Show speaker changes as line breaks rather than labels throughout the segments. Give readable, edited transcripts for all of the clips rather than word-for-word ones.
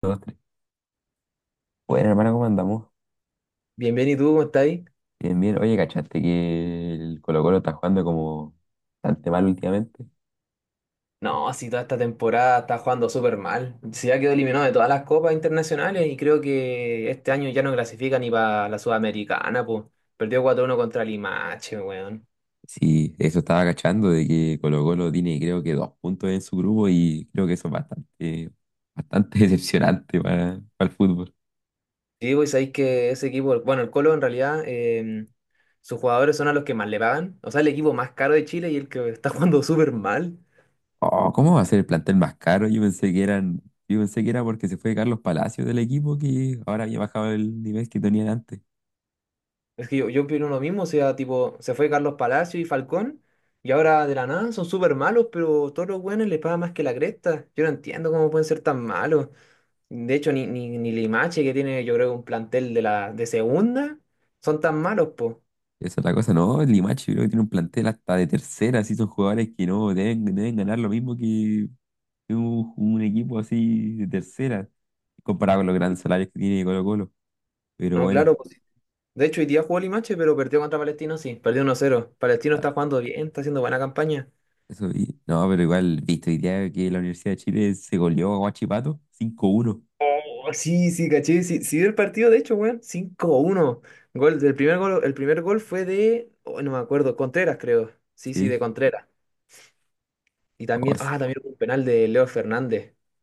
2, 3. Bueno, hermano, ¿cómo andamos?
Bien, bien, ¿y tú cómo estás ahí?
Bien, bien. Oye, ¿cachaste que el Colo-Colo está jugando como bastante mal últimamente?
No, si toda esta temporada está jugando súper mal. Se ya quedó eliminado de todas las copas internacionales y creo que este año ya no clasifica ni para la Sudamericana, pues. Perdió 4-1 contra Limache, weón.
Sí, eso estaba cachando de que Colo-Colo tiene creo que dos puntos en su grupo y creo que eso es bastante decepcionante para el fútbol.
Sí, pues sabéis que ese equipo, bueno, el Colo en realidad, sus jugadores son a los que más le pagan. O sea, el equipo más caro de Chile y el que está jugando súper mal.
Oh, ¿cómo va a ser el plantel más caro? Yo pensé que era porque se fue Carlos Palacios del equipo que ahora había bajado el nivel que tenían antes.
Es que yo opino lo mismo, o sea, tipo, se fue Carlos Palacio y Falcón, y ahora de la nada son súper malos, pero todos los buenos les pagan más que la cresta. Yo no entiendo cómo pueden ser tan malos. De hecho, ni Limache, que tiene, yo creo, un plantel de la de segunda, son tan malos, po.
Esa es la cosa, no, el Limache creo que tiene un plantel hasta de tercera, así son jugadores que no deben, deben ganar lo mismo que un equipo así de tercera, comparado con los grandes salarios que tiene Colo-Colo. Pero
No,
bueno,
claro, pues, de hecho, hoy día jugó Limache, pero perdió contra Palestino, sí, perdió 1-0. Palestino
ah,
está jugando bien, está haciendo buena campaña.
no, pero igual, viste, hoy día que la Universidad de Chile se goleó a Huachipato 5-1.
Oh, sí, sí, caché. Sí, sí vi el partido, de hecho, weón. 5-1. Gol, el primer gol fue de. Oh, no me acuerdo. Contreras, creo. Sí, sí,
Sí,
de Contreras. Y
o,
también.
s-
Ah, también hubo un penal de Leo Fernández.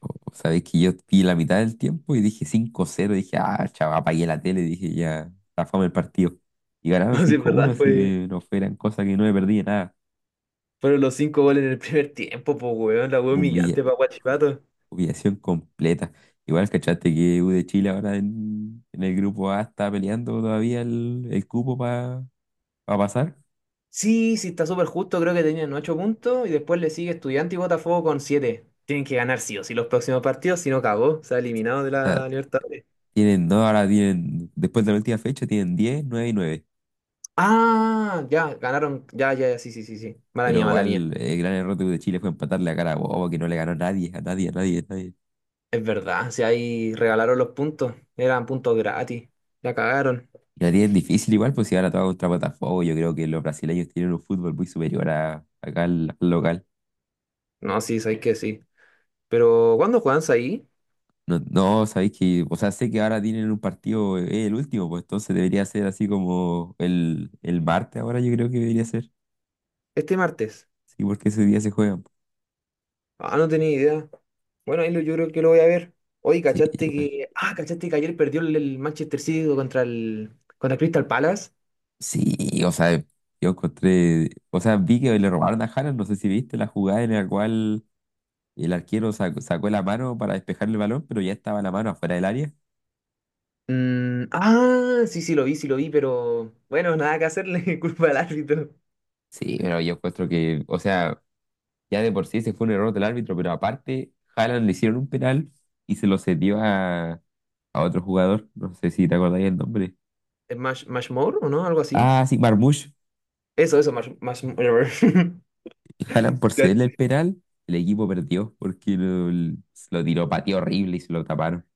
sabéis que yo vi la mitad del tiempo y dije 5-0. Dije, ah, chaval, apagué la tele. Dije, ya, la fama el partido. Y ganaron
No sé,
5-1,
¿verdad?
así que no fue gran cosa, que no me perdí de nada.
Fueron los cinco goles en el primer tiempo, pues, weón. La weón humillante para Guachipato.
Humillación completa. Igual, ¿cachaste que U de Chile ahora en el grupo A está peleando todavía el cupo para pasar?
Sí, sí, está súper justo. Creo que tenían 8 puntos. Y después le sigue Estudiante y Botafogo con siete. Tienen que ganar sí o sí los próximos partidos. Si no, cagó. Se ha eliminado de
O sea,
la Libertadores.
no, ahora tienen, después de la última fecha, tienen diez, 9 y nueve.
Ah, ya, ganaron. Ya, ya, ya, sí, sí, sí, sí. Mala
Pero
mía, mala mía.
igual, el gran error de U de Chile fue empatarle a Carabobo, que no le ganó a nadie, a nadie, a nadie, a nadie.
Es verdad, si ahí regalaron los puntos, eran puntos gratis, la cagaron.
Y la tienen difícil igual, pues si ahora todo contra Botafogo, yo creo que los brasileños tienen un fútbol muy superior a, acá al local.
No, sí, sabéis que sí. Pero, ¿cuándo juegan ahí?
No, no, sabéis que, o sea, sé que ahora tienen un partido, es el último, pues entonces debería ser así como el martes ahora, yo creo que debería ser.
Este martes.
Sí, porque ese día se juegan, pues.
Ah, no tenía idea. Bueno, ahí yo creo que lo voy a ver. Oye,
Sí,
¿cachaste
igual.
que. Ah, ¿cachaste que ayer perdió el Manchester City contra el Crystal Palace?
Sí, o sea, yo encontré, o sea, vi que le robaron a Haaland, no sé si viste la jugada en la cual el arquero sacó la mano para despejar el balón, pero ya estaba la mano afuera del área.
Ah, sí, sí, lo vi, sí lo vi. Bueno, nada que hacerle, culpa al árbitro.
Sí, pero yo encuentro que, o sea, ya de por sí se fue un error del árbitro, pero aparte, Haaland le hicieron un penal y se lo cedió a otro jugador, no sé si te acordáis el nombre.
¿Es Mashmore o no? Algo así.
Ah, sí, Marmoush.
Eso, Mashmore.
Jalan por cederle el penal, el equipo perdió porque lo tiró patio horrible y se lo taparon.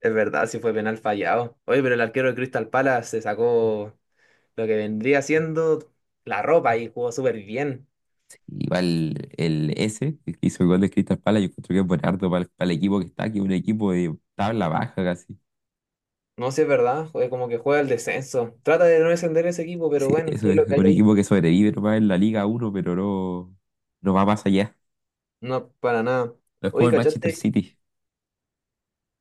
Es verdad, sí fue penal fallado. Oye, pero el arquero de Crystal Palace se sacó lo que vendría siendo la ropa y jugó súper bien.
Sí, igual el S, el que hizo el gol de Crystal Palace, yo creo que es buen harto para el equipo que está, que es un equipo de tabla baja casi.
No sé, es verdad, como que juega el descenso. Trata de no descender ese equipo, pero
Sí,
bueno,
eso
es
es
lo que hay
un
ahí.
equipo que sobrevive nomás en la Liga uno, pero no, no va más allá.
No, para nada.
No es como
Oye,
el Manchester
¿cachaste?
City.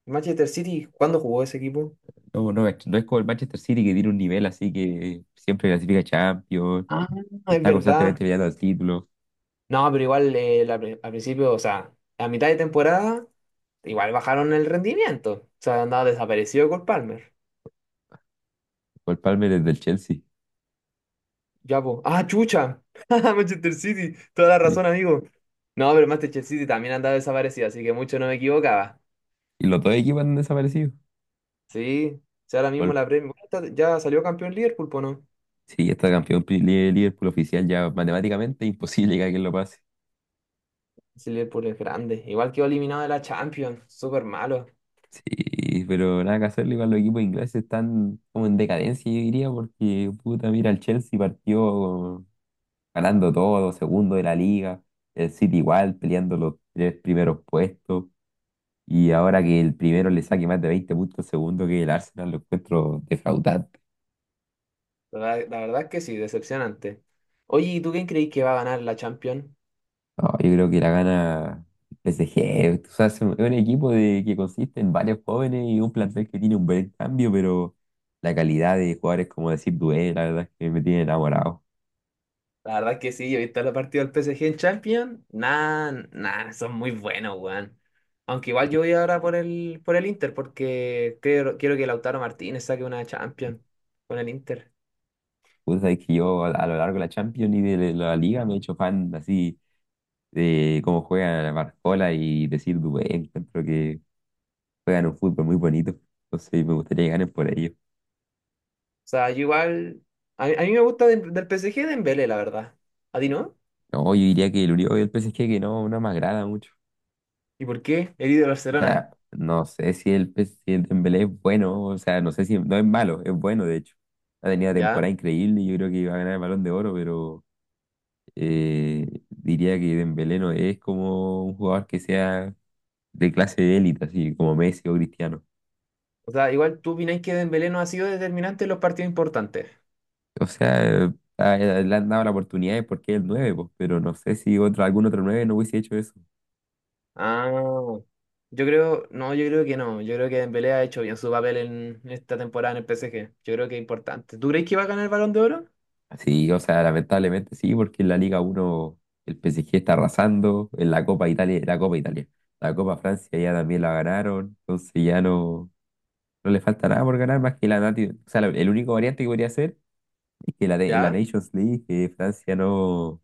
Manchester City, ¿cuándo jugó ese equipo?
No, no, es no es como el Manchester City, que tiene un nivel así que siempre clasifica Champions
Ah,
y
es
está constantemente
verdad.
peleando el título.
No, pero igual al principio, o sea, a mitad de temporada, igual bajaron el rendimiento. O sea, andaba desaparecido con Palmer.
Cole Palmer es del Chelsea.
Ya, po. Ah, chucha. Manchester City. Toda la
Sí.
razón, amigo. No, pero Manchester City también andaba desaparecido, así que mucho no me equivocaba.
Y los dos equipos han desaparecido.
Sí. Si ahora mismo
Cole-
la Premier. Bueno, ya salió campeón Liverpool, po, ¿no?
sí, está campeón pri- li- Liverpool oficial ya matemáticamente imposible que alguien lo pase.
Sí, Liverpool es grande. Igual quedó eliminado de la Champions. Súper malo.
Sí, pero nada que hacerle, igual los equipos ingleses están como en decadencia, yo diría, porque puta, mira, el Chelsea partió ganando todo, segundo de la liga, el City igual, peleando los tres primeros puestos, y ahora que el primero le saque más de 20 puntos al segundo, que el Arsenal, lo encuentro defraudado.
La verdad es que sí, decepcionante. Oye, ¿y tú quién creís que va a ganar la Champions?
No, yo creo que la gana PSG. O sea, es un equipo de, que consiste en varios jóvenes y un plantel que tiene un buen cambio, pero la calidad de jugadores, como decir, Dué, la verdad es que me tiene enamorado.
La verdad que sí, ahorita los partidos del PSG en Champions, nada, nada, son muy buenos, weón. Aunque igual
Y,
yo voy ahora por el Inter, porque creo, quiero que Lautaro Martínez saque una Champions con el Inter.
puta, es que yo a lo largo de la Champions y de la Liga me he hecho fan así de cómo juega Barcola y decir Dué. Encuentro que juegan un fútbol muy bonito. Entonces me gustaría que ganen por ello.
O sea, yo igual, a mí me gusta del PSG Dembélé, la verdad. ¿A ti no?
No, yo diría que el Uribe y el PSG que no, no me agrada mucho.
¿Y por qué? El ídolo de
O
Barcelona,
sea, no sé si el, pe- si el Dembélé es bueno, o sea, no sé si no es malo, es bueno de hecho. Ha tenido una
¿ya?
temporada increíble y yo creo que iba a ganar el Balón de Oro, pero diría que Dembélé no es como un jugador que sea de clase de élite, así como Messi o Cristiano.
O sea, igual tú opináis que Dembélé no ha sido determinante en los partidos importantes.
O sea, a- le han dado la oportunidad porque es el nueve, pues, pero no sé si otro, algún otro nueve no hubiese hecho eso.
Ah, yo creo, no, yo creo que no. Yo creo que Dembélé ha hecho bien su papel en esta temporada en el PSG. Yo creo que es importante. ¿Tú crees que va a ganar el Balón de Oro?
Sí, o sea, lamentablemente sí, porque en la Liga uno el PSG está arrasando, en la Copa Italia, la Copa Italia, la Copa Francia ya también la ganaron, entonces ya no, no le falta nada por ganar más que la Nati, o sea, lo- el único variante que podría ser es que en la
¿Ya?
Nations League que Francia no,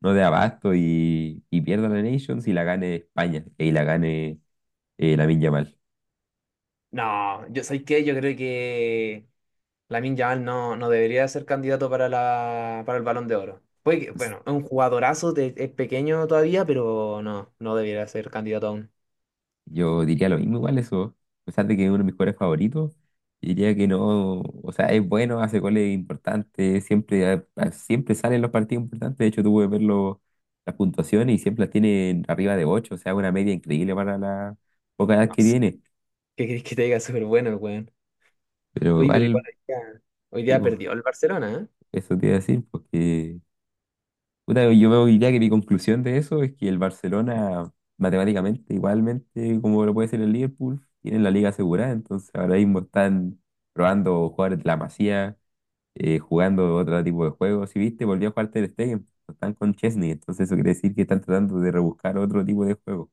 no dé abasto y pierda la Nations y la gane España, y la gane Lamine Yamal.
No, yo ¿sabes qué? Yo creo que Lamine Yamal no, no debería ser candidato para la, para el Balón de Oro. Puede que, bueno, es un jugadorazo, es pequeño todavía, pero no, no debería ser candidato aún.
Yo diría lo mismo igual eso. A pesar de que es uno de mis jugadores favoritos, diría que no, o sea, es bueno, hace goles importantes, siempre, a- siempre sale en los partidos importantes. De hecho, tuve que ver las puntuaciones y siempre las tiene arriba de 8, o sea, una media increíble para la poca edad
No
que
sé.
tiene.
¿Qué crees que te diga? Súper bueno el weón.
Pero
Oye, pero igual
igual,
hoy día
digo,
perdió el Barcelona, ¿eh?
eso te iba a decir, porque puta, yo veo hoy día que mi conclusión de eso es que el Barcelona, matemáticamente, igualmente, como lo puede ser el Liverpool, tienen la liga asegurada, entonces ahora mismo están probando jugadores de la Masía, jugando otro tipo de juegos. Si viste, volvió a jugar Ter Stegen, están con Chesney, entonces eso quiere decir que están tratando de rebuscar otro tipo de juego.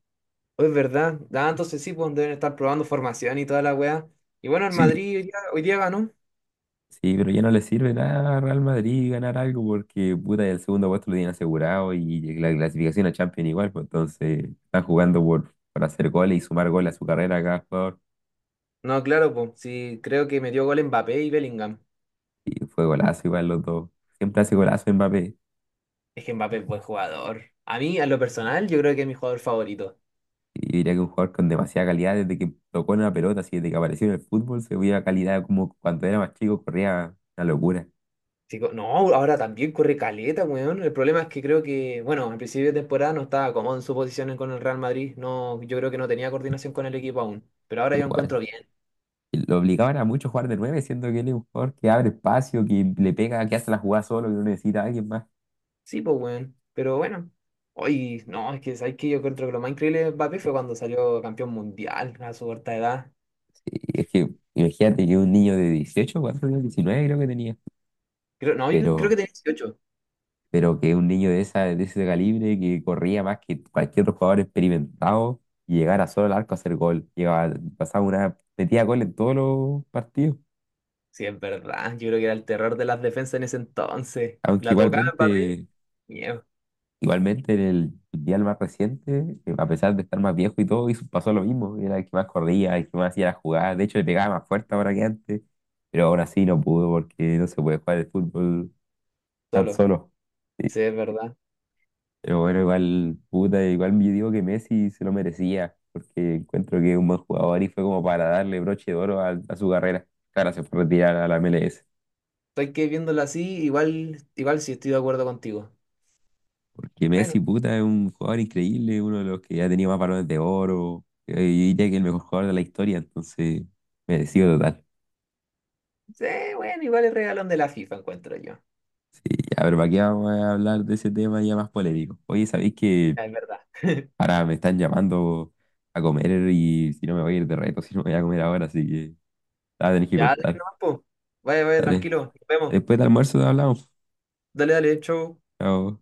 Oh, es verdad. Ah, entonces sí, pues deben estar probando formación y toda la weá. Y bueno, el Madrid hoy día ganó.
Sí, pero ya no le sirve nada a Real Madrid ganar algo porque puta, el segundo puesto lo tienen asegurado y la clasificación a Champions igual, pues entonces están jugando por hacer goles y sumar goles a su carrera cada jugador.
No, claro, pues sí, creo que metió gol Mbappé y Bellingham.
Y fue golazo igual los dos. Siempre hace golazo Mbappé.
Es que Mbappé es buen jugador. A mí, a lo personal, yo creo que es mi jugador favorito.
Y yo diría que un jugador con demasiada calidad desde que tocó una pelota, así desde que apareció en el fútbol, se veía calidad como cuando era más chico, corría una locura.
Sí, no, ahora también corre caleta, weón. El problema es que creo que, bueno, al principio de temporada no estaba cómodo en su posición con el Real Madrid. No, yo creo que no tenía coordinación con el equipo aún. Pero ahora yo
Igual.
encuentro bien.
Y lo obligaban a mucho a jugar de nueve, siendo que él es un jugador que abre espacio, que le pega, que hace la jugada solo, que no necesita a alguien más.
Sí, pues, weón. Pero bueno. Hoy, no, es que sabes que yo encuentro que lo más increíble de Mbappé fue cuando salió campeón mundial a su corta edad.
Y es que, imagínate, que un niño de 18 ¿cuántos años? 19 creo que tenía.
Creo, no, yo creo que
Pero,
tenía 18.
pero que un niño de, esa, de ese calibre que corría más que cualquier otro jugador experimentado y llegara solo al arco a hacer gol. Llegaba, pasaba una, metía gol en todos los partidos.
Sí, es verdad. Yo creo que era el terror de las defensas en ese entonces.
Aunque
La tocaba Mbappé, miedo,
igualmente en el mundial más reciente, a pesar de estar más viejo y todo, hizo- pasó lo mismo. Era el que más corría, el que más hacía la jugada. De hecho, le pegaba más fuerte ahora que antes. Pero aún así no pudo porque no se puede jugar el fútbol tan
solo.
solo.
Sí, es verdad.
Pero bueno, igual, puta, igual yo digo que Messi se lo merecía, porque encuentro que es un buen jugador y fue como para darle broche de oro a su carrera. Claro, se fue a retirar a la MLS.
Estoy que viéndolo así, igual, igual sí estoy de acuerdo contigo.
Porque Messi,
Bueno,
puta, es un jugador increíble, uno de los que ha tenido más balones de oro. Eh, yo diría que el mejor jugador de la historia, entonces, merecido total.
sí, bueno, igual el regalón de la FIFA encuentro yo.
Sí, ya, pero ¿para qué vamos a hablar de ese tema ya más polémico? Oye, ¿sabéis que
Ya, es verdad.
ahora me están llamando a comer y si no me voy a ir de reto, si no me voy a comer ahora, así que ah, tenéis que
Ya, dale
cortar,
nomás, po. Vaya, vaya,
¿vale?
tranquilo. Nos vemos.
Después del almuerzo hablamos.
Dale, dale, chau.
Chao.